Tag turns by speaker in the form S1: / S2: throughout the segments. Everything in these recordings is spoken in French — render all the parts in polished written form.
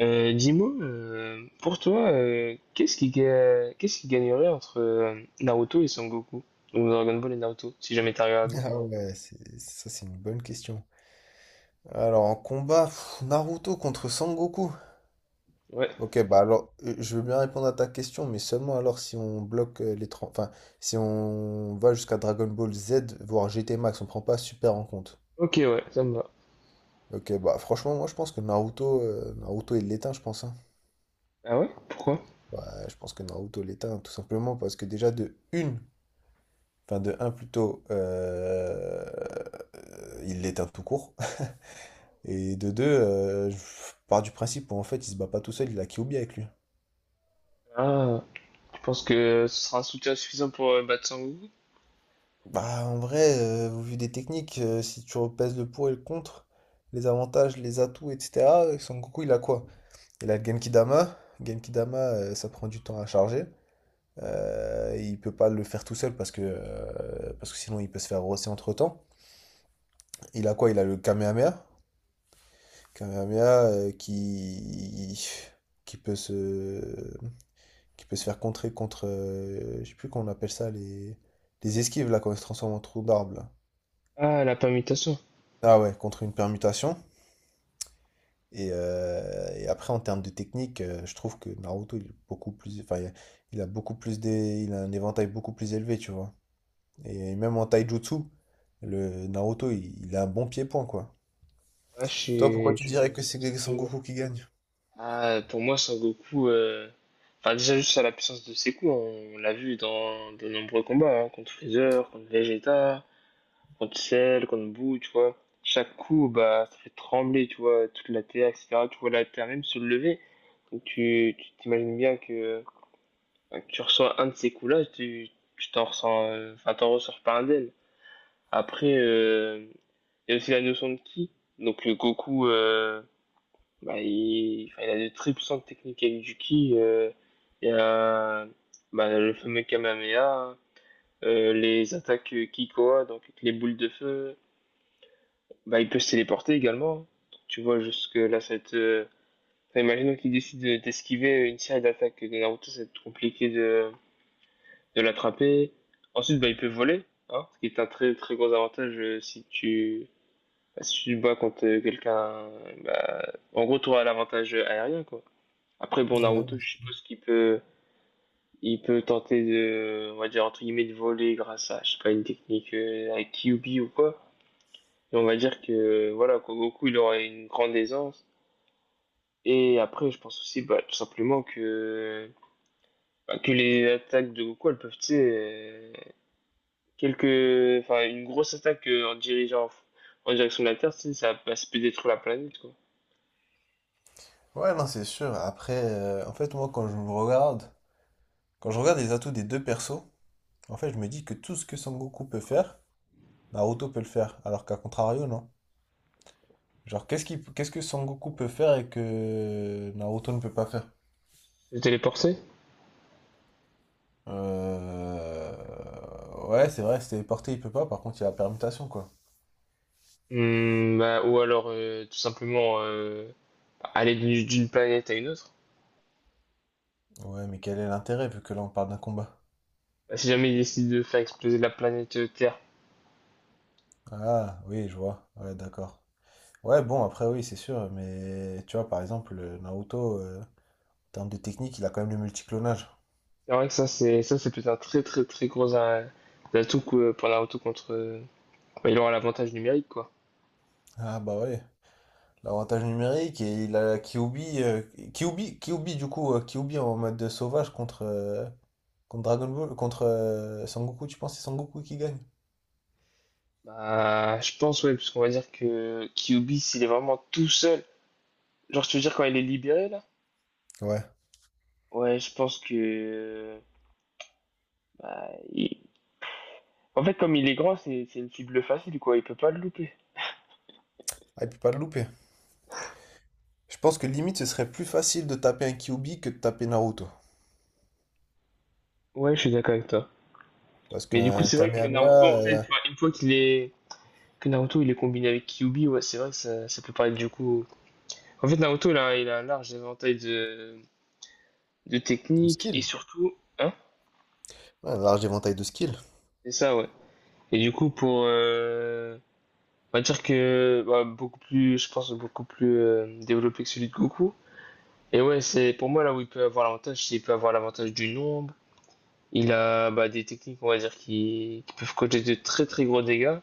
S1: Dis-moi, pour toi, qu'est-ce qui, qu'est-ce qui gagnerait entre Naruto et Son Goku? Donc Dragon Ball et Naruto, si jamais t'as regardé.
S2: Ah ouais, ça c'est une bonne question. Alors en combat, pff, Naruto contre Sangoku.
S1: Ouais,
S2: Ok, bah alors je veux bien répondre à ta question, mais seulement alors si on bloque les trente. Si on va jusqu'à Dragon Ball Z, voire GT Max, on prend pas Super en compte.
S1: ok, ouais, ça me va.
S2: Ok, bah franchement, moi je pense que Naruto, Naruto il l'éteint, je pense, hein.
S1: Ah ouais? Pourquoi?
S2: Ouais, je pense que Naruto l'éteint, tout simplement parce que déjà de une, enfin de un plutôt, il l'éteint tout court. Et de deux, je pars du principe où en fait il se bat pas tout seul, il a Kyuubi avec lui.
S1: Ah, tu penses que ce sera un soutien suffisant pour battre Son Goku?
S2: Bah en vrai, au vu des techniques, si tu repèses le pour et le contre, les avantages, les atouts, etc., Son Goku il a quoi? Il a le Genkidama. Genkidama, ça prend du temps à charger. Il peut pas le faire tout seul parce que sinon il peut se faire rosser entre-temps. Il a quoi? Il a le Kamehameha. Kamehameha qui peut se... qui peut se faire contrer contre, je sais plus comment on appelle ça, les esquives, là, quand ils se transforme en trou d'arbre là.
S1: Ah, la permutation.
S2: Ah ouais, contre une permutation. Et après, en termes de technique, je trouve que Naruto, il est beaucoup plus, enfin, il a beaucoup plus des, il a un éventail beaucoup plus élevé, tu vois. Et même en taijutsu, le Naruto, il a un bon pied-point, quoi.
S1: Ah, je
S2: Toi, pourquoi
S1: suis...
S2: tu
S1: je
S2: dirais que
S1: vois ce que
S2: c'est
S1: tu veux dire.
S2: Sengoku qui gagne?
S1: Ah, pour moi, Son Goku... Enfin, déjà, juste à la puissance de ses coups, on l'a vu dans de nombreux combats, hein, contre Freezer, contre Vegeta... Contre sel, contre boue, tu vois. Chaque coup, bah, ça fait trembler, tu vois, toute la terre, etc. Tu vois la terre même se lever. Donc tu t'imagines bien que tu reçois un de ces coups-là, tu t'en ressens, enfin, t'en ressors pas un d'elle. Après, il y a aussi la notion de ki. Donc Goku, bah, il, enfin, il a de très puissantes techniques avec du ki. Il y a bah, le fameux Kamehameha, les attaques Kikoa, donc avec les boules de feu. Bah, il peut se téléporter également. Tu vois, jusque là, ça va être. Enfin, imaginons qu'il décide d'esquiver une série d'attaques de Naruto, ça va être compliqué de l'attraper. Ensuite, bah, il peut voler, hein, ce qui est un très très gros avantage si tu. Bah, si tu te bats contre quelqu'un, bah, en gros, tu auras l'avantage aérien, quoi. Après, bon, Naruto,
S2: Ouais.
S1: je suppose qu'il peut, il peut tenter de, on va dire, entre guillemets, de voler grâce à, je sais pas, une technique avec Kyuubi ou quoi. Et on va dire que, voilà, quoi, Goku, il aura une grande aisance. Et après, je pense aussi, bah, tout simplement que, bah, que les attaques de Goku, elles peuvent, tu sais, quelques, enfin, une grosse attaque en dirigeant en direction de la Terre, tu sais, ça, bah, ça peut détruire la planète, quoi.
S2: Ouais, non, c'est sûr. Après, en fait, moi, quand je regarde les atouts des deux persos, en fait, je me dis que tout ce que Son Goku peut faire, Naruto peut le faire, alors qu'à contrario, non. Genre, qu'est-ce que Son Goku peut faire et que Naruto ne peut pas faire?
S1: Se téléporter?
S2: Euh, Ouais, c'est vrai, se téléporter, il peut pas, par contre, il a la permutation, quoi.
S1: Hmm, bah, ou alors, tout simplement, aller d'une planète à une autre.
S2: Ouais, mais quel est l'intérêt, vu que là, on parle d'un combat?
S1: Bah, si jamais ils décident de faire exploser la planète Terre,
S2: Ah, oui, je vois. Ouais, d'accord. Ouais, bon, après, oui, c'est sûr, mais tu vois, par exemple, Naruto, en termes de technique, il a quand même le multiclonage.
S1: c'est vrai que ça, c'est peut-être un très, très, très gros atout que, pour Naruto contre, bah, il aura l'avantage numérique, quoi.
S2: Ah, bah ouais. L'avantage numérique et il a Kyuubi, du coup, Kyuubi en mode de sauvage contre, contre Dragon Ball, contre Sangoku, tu penses que c'est Sangoku qui gagne?
S1: Bah, je pense, ouais, parce qu'on va dire que Kyubi, s'il est vraiment tout seul, genre, tu veux dire quand il est libéré, là?
S2: Ouais.
S1: Ouais, je pense que. Bah, en fait, comme il est grand, c'est une cible facile, quoi. Il peut pas le louper.
S2: Ah, il peut pas le louper. Je pense que limite ce serait plus facile de taper un Kyuubi que de taper Naruto.
S1: Ouais, je suis d'accord avec toi.
S2: Parce
S1: Mais du coup,
S2: qu'un
S1: c'est vrai que Naruto,
S2: Kamehameha,
S1: en fait,
S2: euh.
S1: enfin, une fois qu'il est. Que Naruto, il est combiné avec Kyubi, ouais, c'est vrai que ça peut paraître du coup. En fait, Naruto, il a un large éventail de
S2: Le
S1: techniques et
S2: skill.
S1: surtout. Hein?
S2: Ouais, un large éventail de skill.
S1: C'est ça, ouais. Et du coup, pour. On va dire que bah, beaucoup plus, je pense, beaucoup plus développé que celui de Goku. Et ouais, c'est pour moi là où il peut avoir l'avantage, c'est qu'il peut avoir l'avantage du nombre. Il a bah, des techniques, on va dire, qui peuvent causer de très très gros dégâts.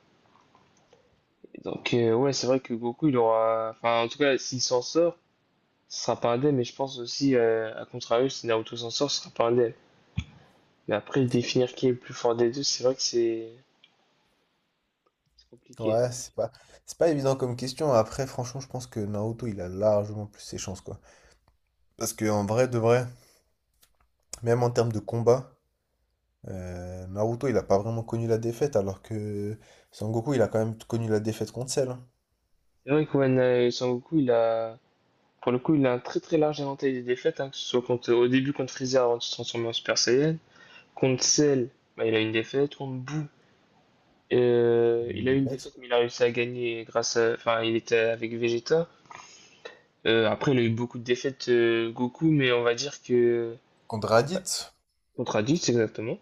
S1: Et donc ouais, c'est vrai que Goku, il aura... Enfin, en tout cas, s'il s'en sort, ce sera pas indemne. Mais je pense aussi, à contrario, si Naruto s'en sort, ce sera pas indemne. Mais après, définir qui est le plus fort des deux, c'est vrai que c'est compliqué.
S2: Ouais, c'est pas, c'est pas évident comme question. Après, franchement, je pense que Naruto, il a largement plus ses chances, quoi. Parce que en vrai, de vrai, même en termes de combat, Naruto, il a pas vraiment connu la défaite, alors que Sangoku, il a quand même connu la défaite contre Cell, hein.
S1: C'est vrai que ouais, Son Goku, il a... Pour le coup, il a un très très large éventail des défaites, hein, que ce soit contre, au début contre Freezer avant de se transformer en Super Saiyan. Contre Cell, bah, il a une défaite. Contre Boo,
S2: Il a une
S1: il a eu une
S2: défaite.
S1: défaite, mais il a réussi à gagner grâce à. Enfin, il était avec Vegeta. Après, il a eu beaucoup de défaites, Goku, mais on va dire que.
S2: Contre Raditz.
S1: Contre Raditz, exactement.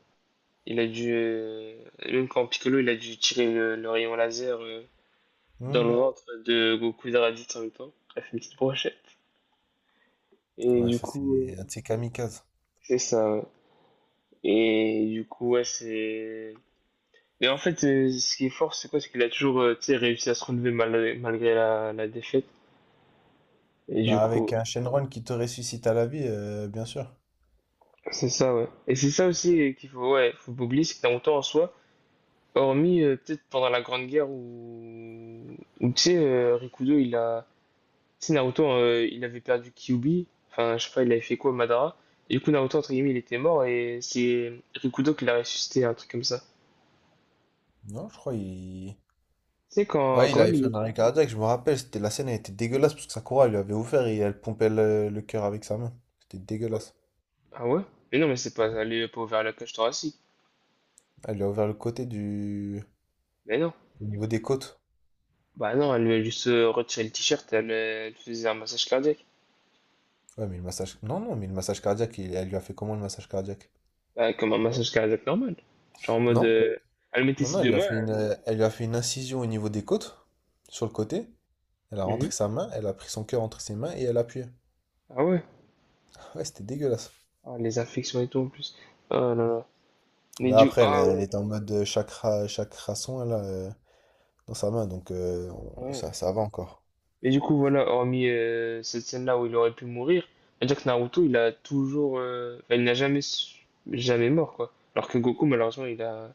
S1: Il a dû. Même quand Piccolo, il a dû tirer le rayon laser dans le
S2: Hmm.
S1: ventre de Goku et de Raditz en même temps. Il a fait une petite brochette. Et
S2: Ouais,
S1: du
S2: ça c'est
S1: coup,
S2: un de ses kamikazes.
S1: c'est ça. Ouais. Et du coup, ouais, c'est. Mais en fait, ce qui est fort, c'est quoi? C'est qu'il a toujours, tu sais, réussi à se relever malgré la, la défaite. Et du
S2: Bah avec
S1: coup,
S2: un Shenron qui te ressuscite à la vie, bien sûr.
S1: c'est ça, ouais. Et c'est ça aussi qu'il faut, ouais, faut pas oublier, c'est que t'as longtemps en soi, hormis peut-être pendant la Grande Guerre où, où tu sais, Rikudo, il a. Tu sais, Naruto, il avait perdu Kyuubi. Enfin, je sais pas, il avait fait quoi, Madara. Et du coup, Naruto, entre guillemets, il était mort et c'est Rikudo qui l'a ressuscité, un truc comme ça.
S2: Non, je crois il...
S1: Tu sais, quand,
S2: Ouais,
S1: quand
S2: il avait
S1: même, il
S2: fait un
S1: est.
S2: arrêt cardiaque, je me rappelle, c'était la scène, elle était dégueulasse parce que Sakura elle lui avait ouvert et elle pompait le cœur avec sa main. C'était dégueulasse.
S1: Ah ouais? Mais non, mais c'est pas, elle lui a pas ouvert la cage thoracique.
S2: Elle lui a ouvert le côté du...
S1: Mais non.
S2: Au niveau des côtes.
S1: Bah non, elle lui a juste retiré le t-shirt, elle, elle faisait un massage cardiaque.
S2: Ouais, mais le massage... Non, non, mais le massage cardiaque, elle lui a fait comment le massage cardiaque?
S1: Bah, comme un massage cardiaque normal. Genre en mode,
S2: Non?
S1: elle mettait
S2: Non, non,
S1: ses
S2: elle
S1: deux
S2: lui a
S1: mains.
S2: fait une, elle lui a fait une incision au niveau des côtes, sur le côté. Elle a
S1: Mhm.
S2: rentré sa main, elle a pris son cœur entre ses mains et elle a appuyé.
S1: Ah ouais?
S2: Ouais, c'était dégueulasse.
S1: Ah, les infections et tout en plus. Oh là là. Mais
S2: Mais
S1: du,
S2: après,
S1: ah
S2: elle
S1: ouais.
S2: était en mode chakra son, dans sa main, donc
S1: Bah, ouais.
S2: ça, ça va encore.
S1: Mais du coup, voilà, hormis cette scène-là où il aurait pu mourir, c'est-à-dire que Naruto, il a toujours, enfin, il n'a jamais, jamais mort quoi. Alors que Goku, malheureusement, il a,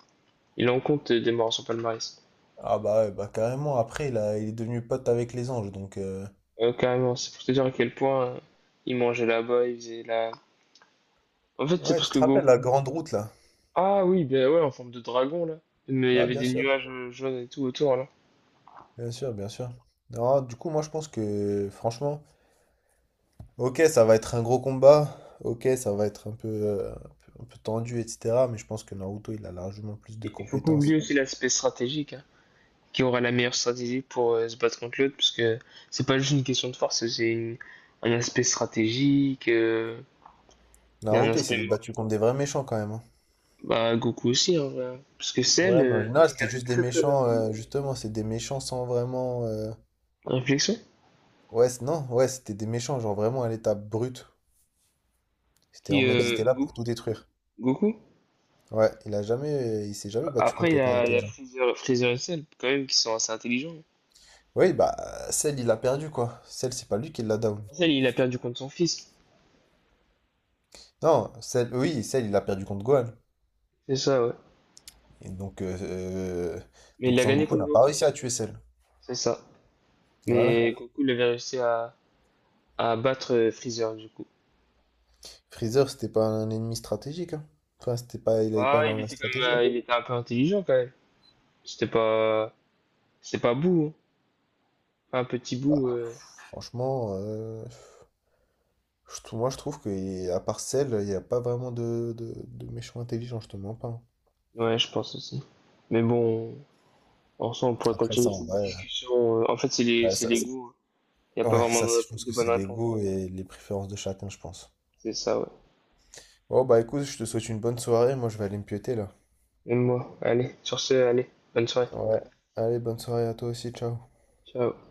S1: il en compte des morts à son palmarès.
S2: Ah bah ouais, bah carrément, après, il est devenu pote avec les anges, donc euh.
S1: Carrément, c'est pour te dire à quel point ils mangeaient là-bas, ils faisaient la... En fait, c'est
S2: Ouais,
S1: parce
S2: tu
S1: que
S2: te
S1: Goku...
S2: rappelles la grande route, là?
S1: Ah oui, ben ouais, en forme de dragon, là. Mais il y
S2: Bah
S1: avait
S2: bien
S1: des
S2: sûr,
S1: nuages jaunes et tout autour, là.
S2: bien sûr, bien sûr. Non, du coup, moi, je pense que, franchement... Ok, ça va être un gros combat. Ok, ça va être un peu, un peu tendu, etc. Mais je pense que Naruto, il a largement plus de
S1: Et il faut pas oublier
S2: compétences.
S1: aussi l'aspect stratégique, hein, qui aura la meilleure stratégie pour se battre contre l'autre, parce que c'est pas juste une question de force, un aspect stratégique, il y a un
S2: Naruto, il
S1: aspect...
S2: s'est battu contre des vrais méchants quand même, hein.
S1: Bah, Goku aussi, en vrai. Hein. Parce que Cell,
S2: Ouais, mais en général, c'était
S1: quelqu'un de
S2: juste des
S1: très très
S2: méchants,
S1: intelligent.
S2: justement, c'est des méchants sans vraiment, euh.
S1: Réflexion.
S2: Non, ouais, c'était des méchants, genre vraiment à l'état brut. C'était
S1: Qui,
S2: en mode, il était là pour
S1: Goku,
S2: tout détruire.
S1: Goku,
S2: Ouais, il s'est jamais battu
S1: après,
S2: contre
S1: il y
S2: quelqu'un
S1: a, il y euh, a
S2: d'intelligent.
S1: Fraser, Fraser et Cell, quand même, qui sont assez intelligents.
S2: Oui, bah, Cell, il a perdu quoi. Cell, c'est pas lui qui l'a down.
S1: Cell, il a perdu contre son fils.
S2: Non, Cell, il a perdu contre Gohan.
S1: C'est ça, ouais.
S2: Et
S1: Mais il
S2: donc
S1: a gagné
S2: Sangoku
S1: contre
S2: n'a pas
S1: Goku,
S2: réussi à
S1: ça.
S2: tuer Cell.
S1: C'est ça.
S2: Voilà.
S1: Mais Goku, il avait réussi à battre Freezer, du coup.
S2: Freezer, c'était pas un ennemi stratégique, hein. Enfin, c'était pas, il avait pas
S1: Ah il
S2: énormément de
S1: était quand
S2: stratégie.
S1: même, il était un peu intelligent, quand même. C'était pas, c'était pas bout, hein. Un petit bout,
S2: Ah, franchement, moi je trouve que à part Cell, il n'y a pas vraiment de méchants intelligents, je te mens pas, hein.
S1: Ouais, je pense aussi. Mais bon, en soi, on pourrait
S2: Après
S1: continuer
S2: ça, en
S1: cette
S2: vrai,
S1: discussion. En fait,
S2: ouais,
S1: c'est
S2: ça,
S1: les
S2: c'est-
S1: goûts. Hein. Il n'y a pas
S2: ouais,
S1: vraiment
S2: ça, c'est je pense
S1: de
S2: que
S1: bonne
S2: c'est
S1: réponse.
S2: l'ego et les préférences de chacun, je pense.
S1: C'est ça, ouais.
S2: Bon, bah écoute, je te souhaite une bonne soirée. Moi, je vais aller me piéter là.
S1: Même moi. Allez, sur ce, allez. Bonne soirée.
S2: Ouais. Allez, bonne soirée à toi aussi. Ciao.
S1: Ciao.